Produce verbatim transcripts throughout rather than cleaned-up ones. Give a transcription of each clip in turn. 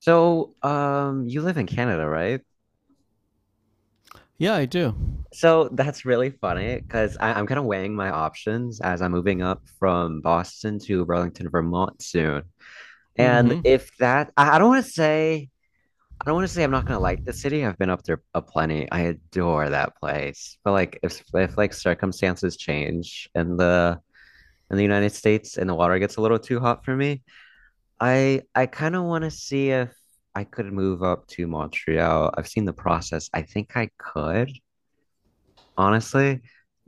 So, um, you live in Canada, right? Yeah, I do. So that's really funny because I'm kind of weighing my options as I'm moving up from Boston to Burlington, Vermont soon. And Mm-hmm. if that, I, I don't want to say, I don't want to say I'm not gonna like the city. I've been up there a plenty. I adore that place. But like, if if like circumstances change and the in the United States and the water gets a little too hot for me, I I kind of want to see if I could move up to Montreal. I've seen the process. I think I could, honestly.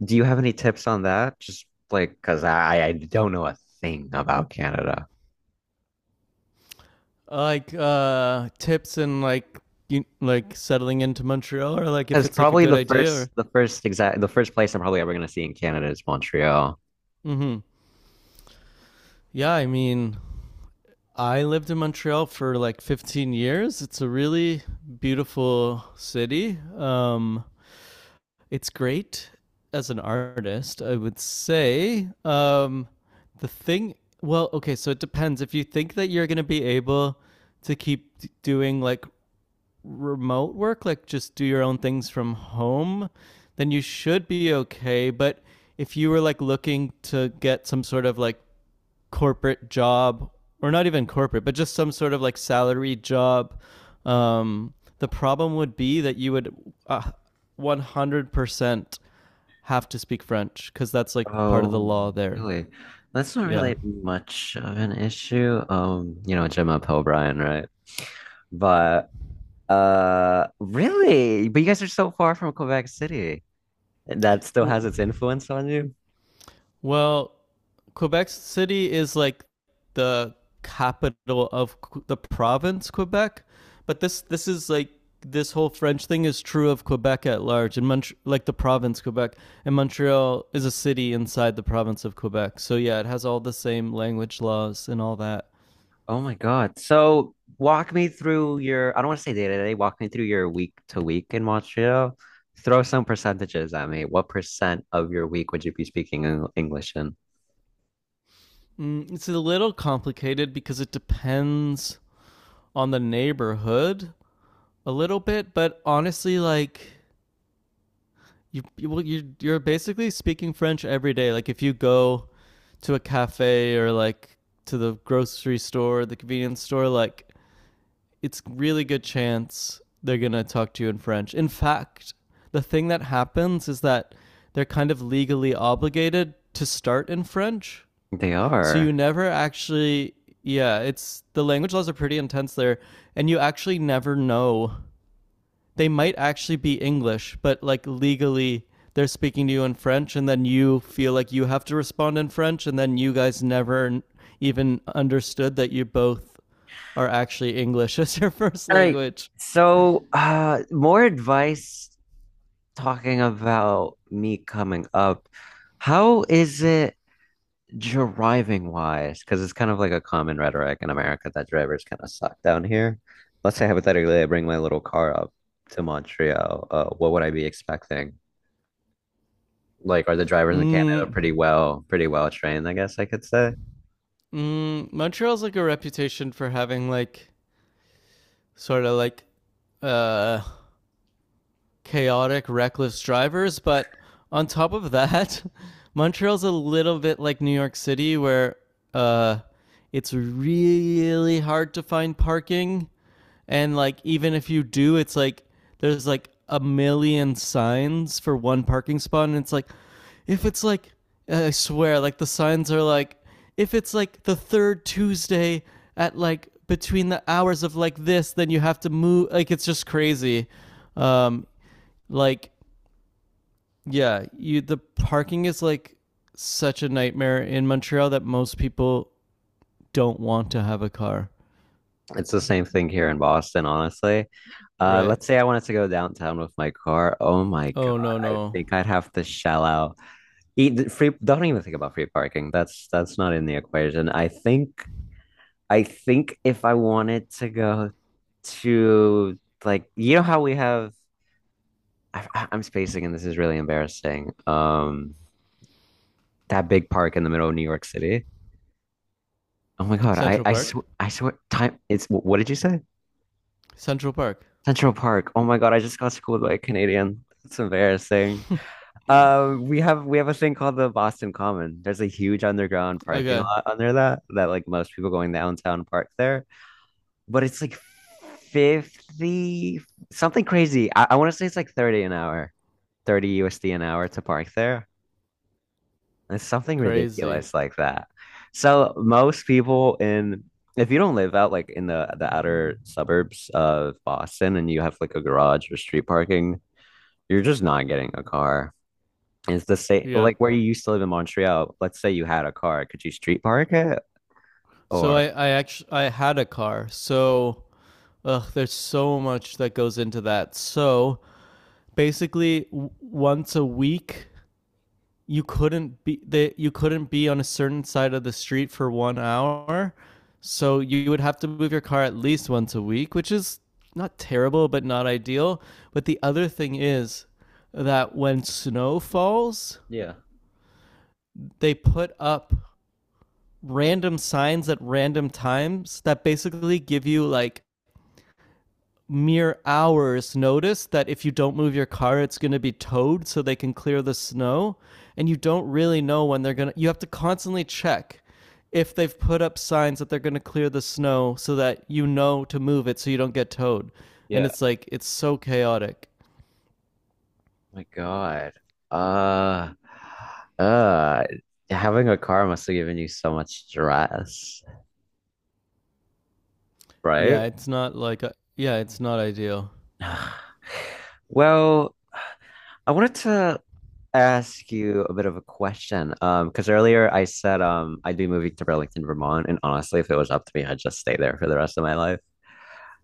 Do you have any tips on that? Just like because I I don't know a thing about Canada. Uh, Like uh, tips and like you, like settling into Montreal, or like if It's it's like a probably good the idea. first Or, the first exact the first place I'm probably ever gonna see in Canada is Montreal. mm-hmm. Yeah, I mean, I lived in Montreal for like fifteen years. It's a really beautiful city. Um, it's great as an artist, I would say. Um, the thing, well, okay, so it depends. If you think that you're going to be able to keep doing like remote work, like just do your own things from home, then you should be okay. But if you were like looking to get some sort of like corporate job, or not even corporate, but just some sort of like salary job, um, the problem would be that you would uh, one hundred percent have to speak French because that's like part of the Oh, law there. really? That's not Yeah. really much of an issue. Um, you know Gemma Pelbryan, right? But Uh, really? But you guys are so far from Quebec City. That still Well, has its influence on you? Well, Quebec City is like the capital of the province Quebec, but this this is like this whole French thing is true of Quebec at large and Mont- like the province Quebec and Montreal is a city inside the province of Quebec. So yeah, it has all the same language laws and all that. Oh my God. So walk me through your, I don't want to say day to day, walk me through your week to week in Montreal. Throw some percentages at me. What percent of your week would you be speaking Eng- English in? Mm, it's a little complicated because it depends on the neighborhood a little bit, but honestly like you you well, you you're basically speaking French every day. Like if you go to a cafe or like to the grocery store, the convenience store, like it's really good chance they're going to talk to you in French. In fact, the thing that happens is that they're kind of legally obligated to start in French. They So you are. never actually yeah, it's the language laws are pretty intense there and you actually never know they might actually be English, but like legally they're speaking to you in French, and then you feel like you have to respond in French, and then you guys never even understood that you both are actually English as your first All right. language. So, uh, more advice talking about me coming up. How is it, driving wise? Because it's kind of like a common rhetoric in America that drivers kind of suck down here. Let's say hypothetically, I bring my little car up to Montreal. Uh, what would I be expecting? Like, are the drivers in Canada Mm, pretty well, pretty well trained, I guess I could say? mm, Montreal's like a reputation for having like sort of like uh chaotic, reckless drivers. But on top of that, Montreal's a little bit like New York City, where uh, it's really hard to find parking. And like, even if you do, it's like there's like a million signs for one parking spot. And it's like, if it's like, I swear, like the signs are like, if it's like the third Tuesday at like between the hours of like this, then you have to move. Like, it's just crazy. Um, like, yeah, you the parking is like such a nightmare in Montreal that most people don't want to have a car. It's the same thing here in Boston, honestly. Uh, Right. Let's say I wanted to go downtown with my car. Oh my God, Oh no, I no. think I'd have to shell out. Eat, free, don't even think about free parking. That's that's not in the equation. I think I think if I wanted to go to, like, you know how we have, I, I- I'm spacing and this is really embarrassing. Um, that big park in the middle of New York City. Oh my God, I Central I sw Park. I swear time it's wh- what did you say? Central Park. Central Park. Oh my God, I just got schooled by a Canadian. It's embarrassing. Um, we have we have a thing called the Boston Common. There's a huge underground parking Okay. lot under that that like most people going downtown park there. But it's like fifty something crazy. I, I want to say it's like thirty an hour, thirty U S D an hour to park there. It's something Crazy. ridiculous like that. So most people in, if you don't live out like in the the outer suburbs of Boston and you have like a garage or street parking, you're just not getting a car. It's the same Yeah. like where you used to live in Montreal. Let's say you had a car, could you street park it? So I Or I actually I had a car. So ugh, there's so much that goes into that. So basically, w- once a week you couldn't be they, you couldn't be on a certain side of the street for one hour, so you would have to move your car at least once a week, which is not terrible but not ideal. But the other thing is that when snow falls yeah, they put up random signs at random times that basically give you like mere hours notice that if you don't move your car, it's going to be towed so they can clear the snow. And you don't really know when they're going to, you have to constantly check if they've put up signs that they're going to clear the snow so that you know to move it so you don't get towed. And yeah. it's like, it's so chaotic. My God. Uh, uh, Having a car must have given you so much stress, right? Yeah, it's not like, a, yeah, it's not ideal. Yeah. Well, I wanted to ask you a bit of a question. Um, because earlier I said um I'd be moving to Burlington, Vermont, and honestly, if it was up to me, I'd just stay there for the rest of my life.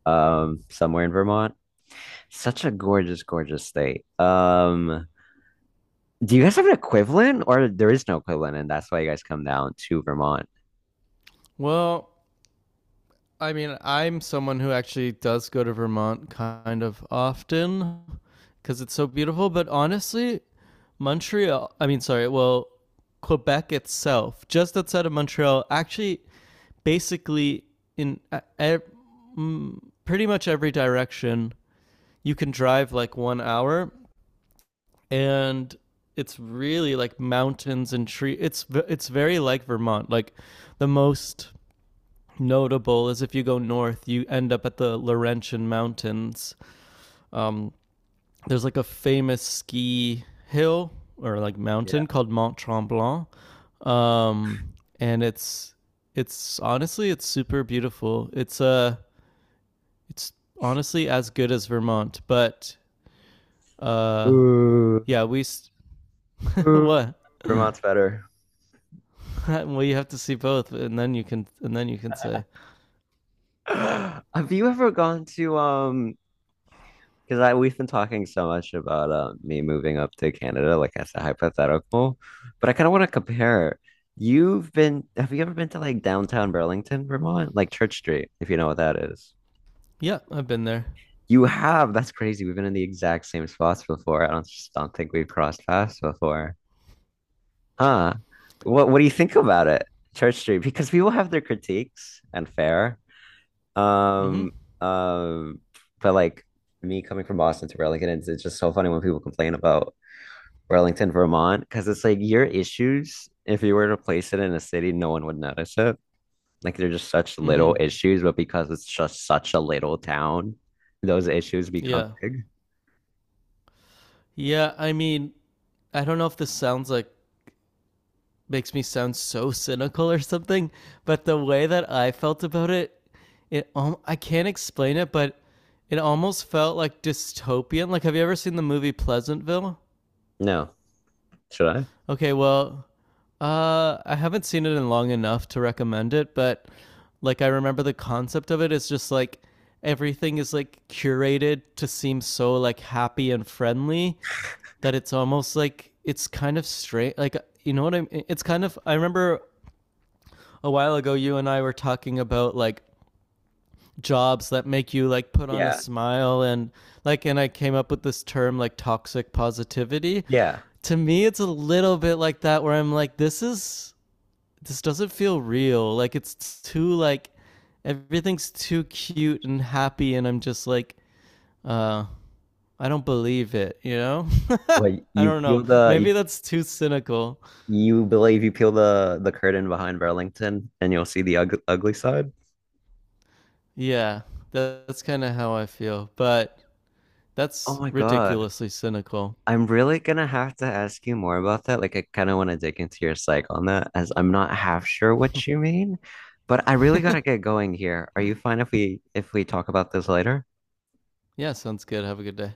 Um, somewhere in Vermont. Such a gorgeous, gorgeous state. Um, do you guys have an equivalent, or there is no equivalent, and that's why you guys come down to Vermont? Well, I mean, I'm someone who actually does go to Vermont kind of often because it's so beautiful. But honestly, Montreal, I mean, sorry, well, Quebec itself, just outside of Montreal, actually, basically, in uh, ev- mm, pretty much every direction, you can drive like one hour and it's really like mountains and trees. it's it's very like Vermont. Like the most notable is if you go north, you end up at the Laurentian Mountains. Um, there's like a famous ski hill or like Yeah. mountain called Mont Tremblant, um, and it's it's honestly it's super beautiful. It's uh it's honestly as good as Vermont, but uh Ooh, yeah we s ooh, what Vermont's better. well you have to see both and then you can and then you can say Have you ever gone to um? Because I we've been talking so much about, uh, me moving up to Canada, like as a hypothetical, but I kind of want to compare. You've been, have you ever been to like downtown Burlington, Vermont, like Church Street, if you know what that is? yeah I've been there. You have. That's crazy. We've been in the exact same spots before. I don't just don't think we've crossed paths before. Huh. What what do you think about it? Church Street, because people have their critiques, and fair. Mm-hmm. Um, um, but like, me coming from Boston to Burlington, it's, it's just so funny when people complain about Burlington, Vermont, because it's like your issues, if you were to place it in a city, no one would notice it. Like they're just such little Mm-hmm. issues, but because it's just such a little town, those issues become Yeah. big. Yeah, I mean, I don't know if this sounds like makes me sound so cynical or something, but the way that I felt about it, it I can't explain it, but it almost felt like dystopian. Like, have you ever seen the movie Pleasantville? No. Should I? Okay, well, uh, I haven't seen it in long enough to recommend it, but like I remember the concept of it is just like everything is like curated to seem so like happy and friendly that it's almost like it's kind of straight. Like you know what I mean? It's kind of. I remember a while ago you and I were talking about like jobs that make you like put on a Yeah. smile and like and I came up with this term like toxic positivity. Yeah. To me it's a little bit like that where I'm like this is this doesn't feel real. Like it's too like everything's too cute and happy and I'm just like uh I don't believe it, you know? Well, I you don't know. peel the you, Maybe that's too cynical. you believe you peel the the curtain behind Burlington and you'll see the ug ugly side. Yeah, that, that's kind of how I feel, but Oh that's my God. ridiculously cynical. I'm really gonna have to ask you more about that. Like I kind of want to dig into your psych on that as I'm not half sure what you mean, but I really gotta get going here. Are you fine if we if we talk about this later? Yeah, sounds good. Have a good day.